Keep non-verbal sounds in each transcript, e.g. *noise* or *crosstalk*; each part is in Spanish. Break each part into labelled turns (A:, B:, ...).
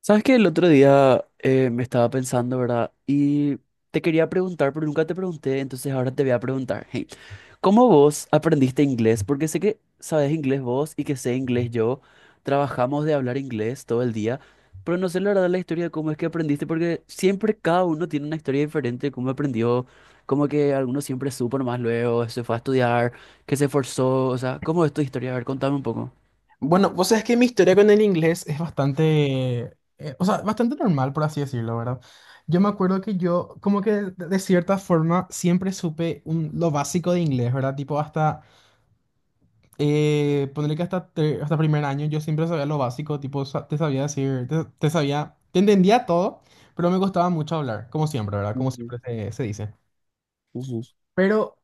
A: Sabes que el otro día me estaba pensando, ¿verdad? Y te quería preguntar, pero nunca te pregunté, entonces ahora te voy a preguntar. Hey, ¿cómo vos aprendiste inglés? Porque sé que sabes inglés vos y que sé inglés yo. Trabajamos de hablar inglés todo el día, pero no sé la verdad la historia de cómo es que aprendiste, porque siempre cada uno tiene una historia diferente de cómo aprendió, como que alguno siempre supo nomás luego, se fue a estudiar, que se esforzó, o sea, ¿cómo es tu historia? A ver, contame un poco.
B: Bueno, pues es que mi historia con el inglés es bastante, o sea, bastante normal, por así decirlo, ¿verdad? Yo me acuerdo que yo, como que de cierta forma, siempre supe lo básico de inglés, ¿verdad? Tipo, hasta, ponerle que hasta primer año, yo siempre sabía lo básico, tipo, te sabía decir, te sabía, te entendía todo, pero me costaba mucho hablar, como siempre, ¿verdad? Como
A: Ujú,
B: siempre se dice.
A: ujú.
B: Pero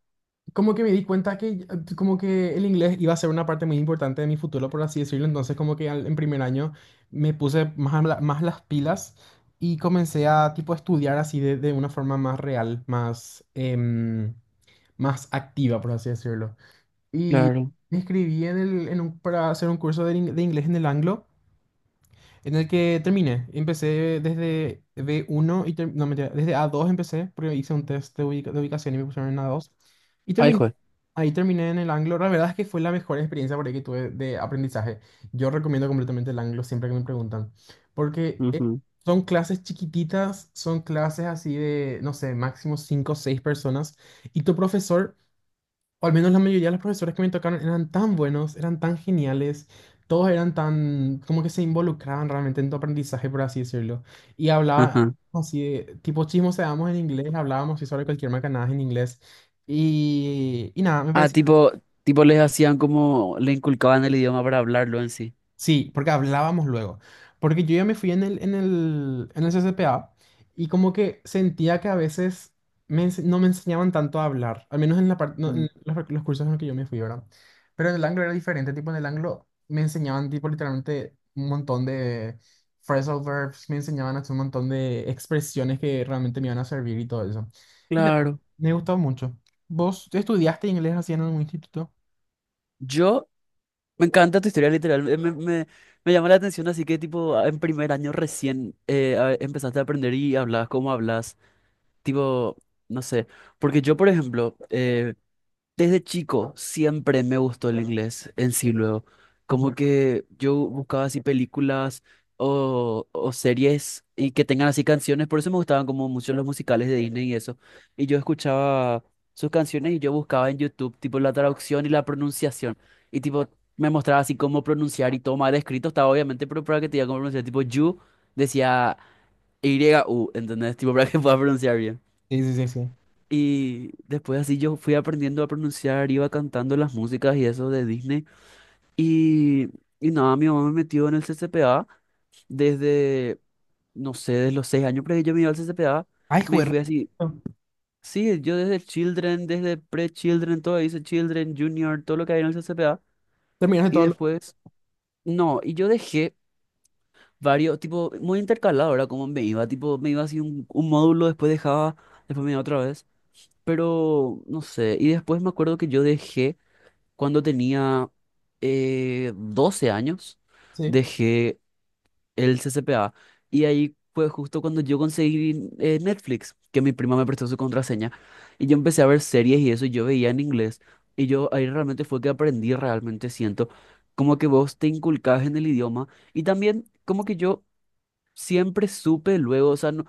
B: como que me di cuenta que como que el inglés iba a ser una parte muy importante de mi futuro, por así decirlo. Entonces como que en primer año me puse más, más las pilas y comencé a tipo estudiar así de una forma más real, más, más activa, por así decirlo. Y
A: Claro.
B: me inscribí en el, en un- para hacer un curso de inglés en el Anglo, en el que terminé. Empecé desde B1 y no, mentira, desde A2 empecé, porque hice un test de ubicación y me pusieron en A2. Y
A: Ay,
B: terminé
A: juez.
B: Ahí terminé en el Anglo. La verdad es que fue la mejor experiencia por ahí que tuve de aprendizaje. Yo recomiendo completamente el Anglo siempre que me preguntan. Porque
A: Ujú,
B: son clases chiquititas, son clases así de, no sé, máximo 5 o 6 personas. Y tu profesor, o al menos la mayoría de los profesores que me tocaron, eran tan buenos, eran tan geniales. Todos eran tan, como que se involucraban realmente en tu aprendizaje, por así decirlo. Y hablaban
A: ajá.
B: así de, tipo chismoseábamos en inglés, hablábamos así sobre cualquier macanada en inglés. Y nada, me
A: Ah,
B: pareció.
A: tipo les hacían como, le inculcaban el idioma para hablarlo en sí.
B: Sí, porque hablábamos luego. Porque yo ya me fui en el CCPA y como que sentía que a veces no me enseñaban tanto a hablar, al menos no,
A: Mm.
B: en los cursos en los que yo me fui, ¿verdad? Pero en el Anglo era diferente, tipo en el Anglo me enseñaban tipo literalmente un montón de phrasal verbs, me enseñaban hasta un montón de expresiones que realmente me iban a servir y todo eso. Y nada,
A: Claro.
B: me gustó mucho. ¿Vos estudiaste inglés así en algún instituto?
A: Yo, me encanta tu historia literal, me llama la atención, así que tipo, en primer año recién empezaste a aprender y hablabas como hablas, tipo, no sé, porque yo, por ejemplo, desde chico siempre me gustó el inglés en sí luego.
B: Ajá.
A: Como que yo buscaba así películas o series y que tengan así canciones. Por eso me gustaban como mucho los musicales de Disney y eso. Y yo escuchaba sus canciones y yo buscaba en YouTube tipo la traducción y la pronunciación. Y tipo me mostraba así cómo pronunciar y todo mal escrito estaba obviamente, pero para que te diga cómo pronunciar. Tipo you decía Y-U, ¿entendés? Tipo para que pueda pronunciar bien.
B: Sí, sí, sí, sí.
A: Y después así yo fui aprendiendo a pronunciar, iba cantando las músicas y eso de Disney. Y, nada, mi mamá me metió en el C C P A desde, no sé, desde los 6 años, pero yo me iba al C C P A
B: Ay,
A: me
B: joder.
A: fui así. Sí, yo desde Children, desde Pre-Children, todo dice Children, Junior, todo lo que hay en el C C P A.
B: Terminaste
A: Y
B: todo lo...
A: después, no, y yo dejé varios, tipo, muy intercalado, ahora como me iba, tipo, me iba así un módulo, después dejaba, después me iba otra vez. Pero, no sé, y después me acuerdo que yo dejé cuando tenía 12 años,
B: Sí.
A: dejé el CCPA y ahí fue justo cuando yo conseguí Netflix, que mi prima me prestó su contraseña y yo empecé a ver series y eso y yo veía en inglés y yo ahí realmente fue que aprendí, realmente siento como que vos te inculcás en el idioma y también como que yo siempre supe luego, o sea, no,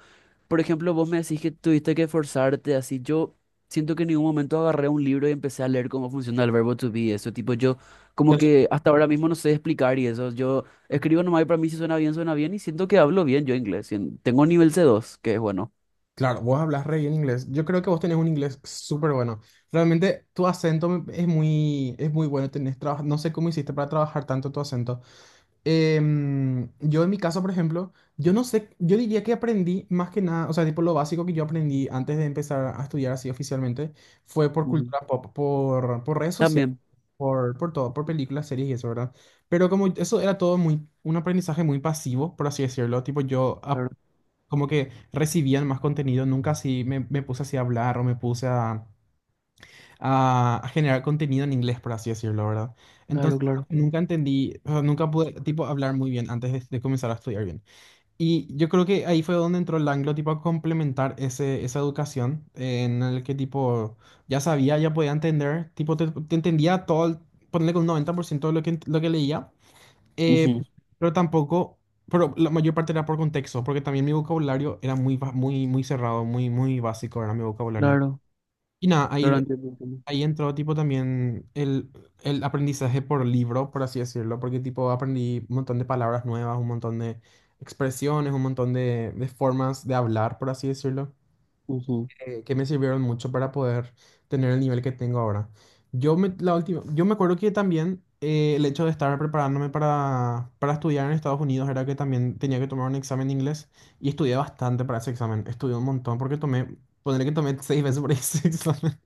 A: por ejemplo, vos me decís que tuviste que forzarte así. Yo siento que en ningún momento agarré un libro y empecé a leer cómo funciona el verbo to be. Eso, tipo, yo como
B: Ya sé.
A: que hasta ahora mismo no sé explicar y eso. Yo escribo nomás y para mí si suena bien, suena bien y siento que hablo bien yo inglés. Tengo nivel C2 que es bueno.
B: Claro, vos hablas re bien inglés. Yo creo que vos tenés un inglés súper bueno. Realmente tu acento es muy bueno. No sé cómo hiciste para trabajar tanto tu acento. Yo en mi caso, por ejemplo, yo no sé, yo diría que aprendí más que nada, o sea, tipo lo básico que yo aprendí antes de empezar a estudiar así oficialmente fue por
A: Ujú.
B: cultura pop, por redes sociales,
A: También.
B: por todo, por películas, series y eso, ¿verdad? Pero como eso era todo muy, un aprendizaje muy pasivo, por así decirlo, tipo
A: Claro,
B: como que recibía más contenido, nunca así me puse así a hablar o me puse a generar contenido en inglés, por así decirlo, ¿verdad?
A: claro,
B: Entonces,
A: claro,
B: nunca entendí, o sea, nunca pude, tipo, hablar muy bien antes de comenzar a estudiar bien. Y yo creo que ahí fue donde entró el anglo, tipo, a complementar ese, esa educación en el que, tipo, ya sabía, ya podía entender, tipo, te entendía todo, ponerle con un 90% de lo que leía, eh,
A: ujú,
B: pero tampoco... Pero la mayor parte era por contexto, porque también mi vocabulario era muy, muy, muy cerrado, muy, muy básico, era mi vocabulario.
A: claro,
B: Y nada,
A: claro,
B: ahí
A: entiendo, entiendo.
B: Ahí entró tipo también el aprendizaje por libro, por así decirlo, porque tipo aprendí un montón de palabras nuevas, un montón de expresiones, un montón de formas de hablar, por así decirlo,
A: Ujú.
B: que me sirvieron mucho para poder tener el nivel que tengo ahora. La última, yo me acuerdo que también el hecho de estar preparándome para estudiar en Estados Unidos era que también tenía que tomar un examen de inglés y estudié bastante para ese examen, estudié un montón porque ponerle que tomé 6 veces por ese *laughs* examen.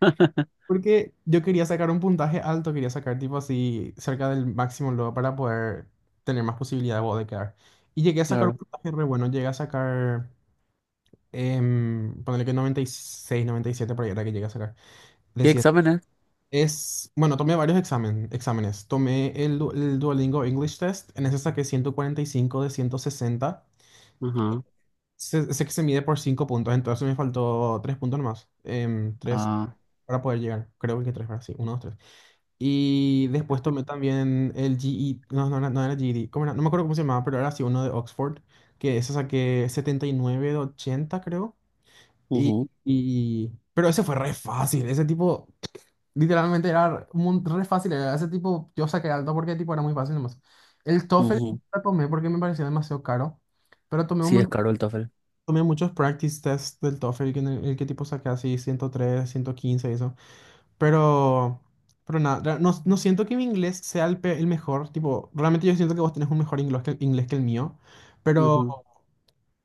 A: *laughs*
B: Porque yo quería sacar un puntaje alto, quería sacar tipo así cerca del máximo luego para poder tener más posibilidad de vos de quedar. Y llegué a sacar un
A: Claro.
B: puntaje re bueno, llegué a sacar, ponele que 96, 97 por ahí era que llegué a sacar. De
A: ¿Qué
B: 100.
A: examen es?
B: Es, bueno, tomé varios examen, exámenes. Tomé el Duolingo English Test, en ese saqué 145 de 160.
A: Ajá.
B: Sé que se mide por 5 puntos, entonces me faltó 3 puntos nomás. Tres
A: Ah,
B: para poder llegar, creo que 3, sí, uno 2, 3. Y después tomé también el no, no, no era GED. ¿Cómo era? No me acuerdo cómo se llamaba, pero era así uno de Oxford, que eso saqué 79 de 80, creo. Y,
A: ujú,
B: pero ese fue re fácil, ese tipo, literalmente era re fácil, era ese tipo, yo saqué alto porque tipo era muy fácil nomás. El TOEFL
A: ujú.
B: lo tomé porque me parecía demasiado caro, pero tomé, un,
A: Sí, es
B: mon-
A: caro el TOEFL.
B: tomé muchos practice tests del TOEFL, que en el que tipo saqué así 103, 115 y eso. Pero, pero nada, no, no siento que mi inglés sea el mejor, tipo, realmente yo siento que vos tenés un mejor inglés que el mío, pero,
A: Ujú.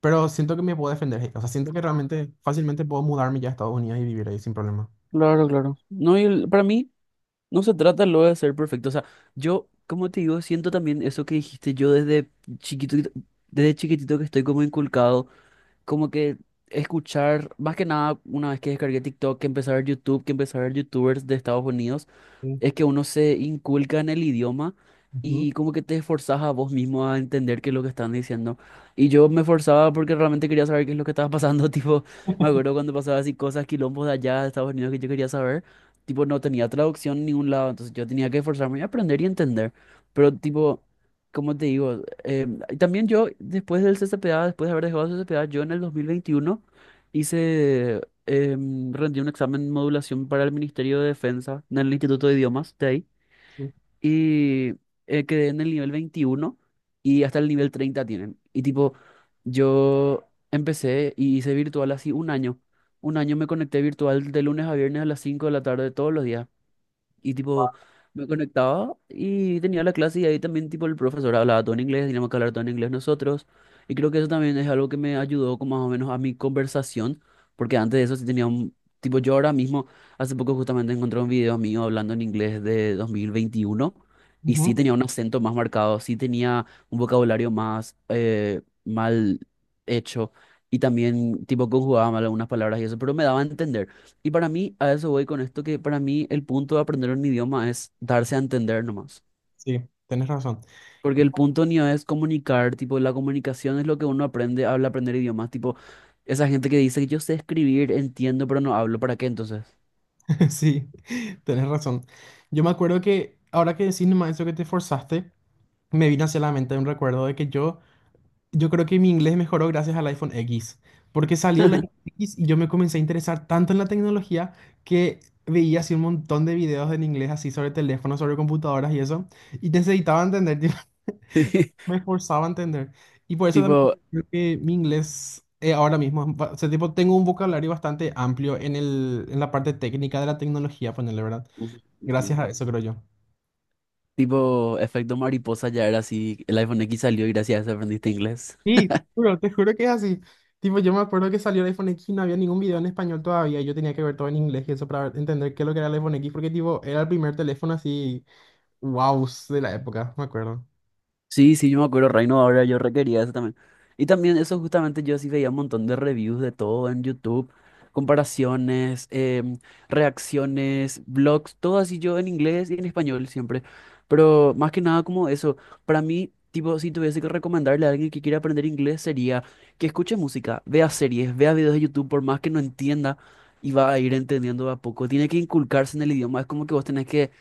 B: siento que me puedo defender, o sea, siento que realmente fácilmente puedo mudarme ya a Estados Unidos y vivir ahí sin problema.
A: Claro, claro. No, y para mí no se trata luego de ser perfecto. O sea, yo, como te digo, siento también eso que dijiste yo desde chiquito, desde chiquitito que estoy como inculcado, como que escuchar, más que nada, una vez que descargué TikTok, que empecé a ver YouTube, que empecé a ver YouTubers de Estados Unidos.
B: Sí,
A: Es que uno se inculca en el idioma
B: ujú,
A: y como que te esforzás a vos mismo a entender qué es lo que están diciendo. Y yo me esforzaba porque realmente quería saber qué es lo que estaba pasando. *laughs* Tipo, me acuerdo cuando pasaba así cosas, quilombos de allá de Estados Unidos que yo quería saber. Tipo, no tenía traducción en ningún lado, entonces yo tenía que esforzarme y aprender y entender. Pero tipo, ¿como te digo? Y también yo, después del CCPA, después de haber dejado el CCPA, yo en el 2021 hice rendí un examen de modulación para el Ministerio de Defensa en el Instituto de Idiomas de ahí
B: sí.
A: y quedé en el nivel 21 y hasta el nivel 30 tienen. Y tipo, yo empecé y hice virtual así un año. Un año me conecté virtual de lunes a viernes a las 5 de la tarde todos los días. Y tipo, me conectaba y tenía la clase y ahí también tipo el profesor hablaba todo en inglés, teníamos que hablar todo en inglés nosotros. Y creo que eso también es algo que me ayudó como más o menos a mi conversación, porque antes de eso sí tenía un... Tipo, yo ahora mismo, hace poco justamente encontré un video mío hablando en inglés de 2021 y sí
B: Ujú.
A: tenía un acento más marcado, sí tenía un vocabulario más mal hecho y también tipo conjugaba mal algunas palabras y eso, pero me daba a entender. Y para mí, a eso voy con esto, que para mí el punto de aprender un idioma es darse a entender nomás.
B: Sí, tenés razón.
A: Porque el
B: *laughs*
A: punto ni es comunicar, tipo, la comunicación es lo que uno aprende al aprender idiomas. Tipo, esa gente que dice que yo sé escribir, entiendo, pero no hablo, ¿para qué entonces?
B: Sí, tenés razón. Yo me acuerdo que ahora que decís nomás eso que te forzaste, me vino hacia la mente un recuerdo de que yo. Creo que mi inglés mejoró gracias al iPhone X, porque salió el iPhone X y yo me comencé a interesar tanto en la tecnología, que veía así un montón de videos en inglés así sobre teléfonos, sobre computadoras y eso, y necesitaba entender, *laughs* tipo,
A: *laughs*
B: me esforzaba a entender. Y por eso también
A: Tipo,
B: creo que mi inglés ahora mismo, es o sea, tipo, tengo un vocabulario bastante amplio en el, en la parte técnica de la tecnología, ponerle, ¿verdad?
A: ujú, ujú.
B: Gracias a eso, creo yo.
A: Tipo, efecto mariposa ya era así, el iPhone X salió y gracias a eso aprendiste inglés.
B: Sí, te juro que es así. Tipo, yo me acuerdo que salió el iPhone X y no había ningún video en español todavía. Y yo tenía que ver todo en inglés y eso para entender qué es lo que era el iPhone X, porque tipo, era el primer teléfono así, wow, de la época, me acuerdo.
A: Sí, sí, yo me acuerdo, Reino, ahora yo requería eso también. Y también eso justamente yo sí veía un montón de reviews de todo en YouTube, comparaciones, reacciones, blogs, todo así yo en inglés y en español siempre. Pero más que nada como eso, para mí, tipo, si tuviese que recomendarle a alguien que quiera aprender inglés sería que escuche música, vea series, vea videos de YouTube, por más que no entienda y va a ir entendiendo de a poco. Tiene que inculcarse en el idioma, es como que vos tenés que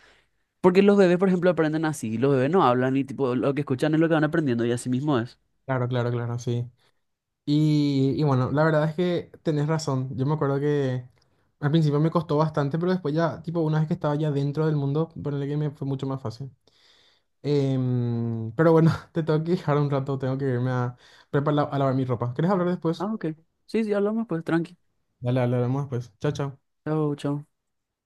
A: porque los bebés, por ejemplo, aprenden así. Los bebés no hablan y tipo, lo que escuchan es lo que van aprendiendo y así mismo es.
B: Claro, claro, claro, sí. Y bueno, la verdad es que tenés razón. Yo me acuerdo que al principio me costó bastante, pero después ya, tipo, una vez que estaba ya dentro del mundo, ponerle que me fue mucho más fácil. Pero bueno, *laughs* te tengo que dejar un rato, tengo que irme a preparar, a lavar mi ropa. ¿Querés hablar después?
A: Ah, ok. Sí, sí, hablamos pues, tranqui.
B: Dale, dale, hablamos después. Chao, chao.
A: Chao, chao.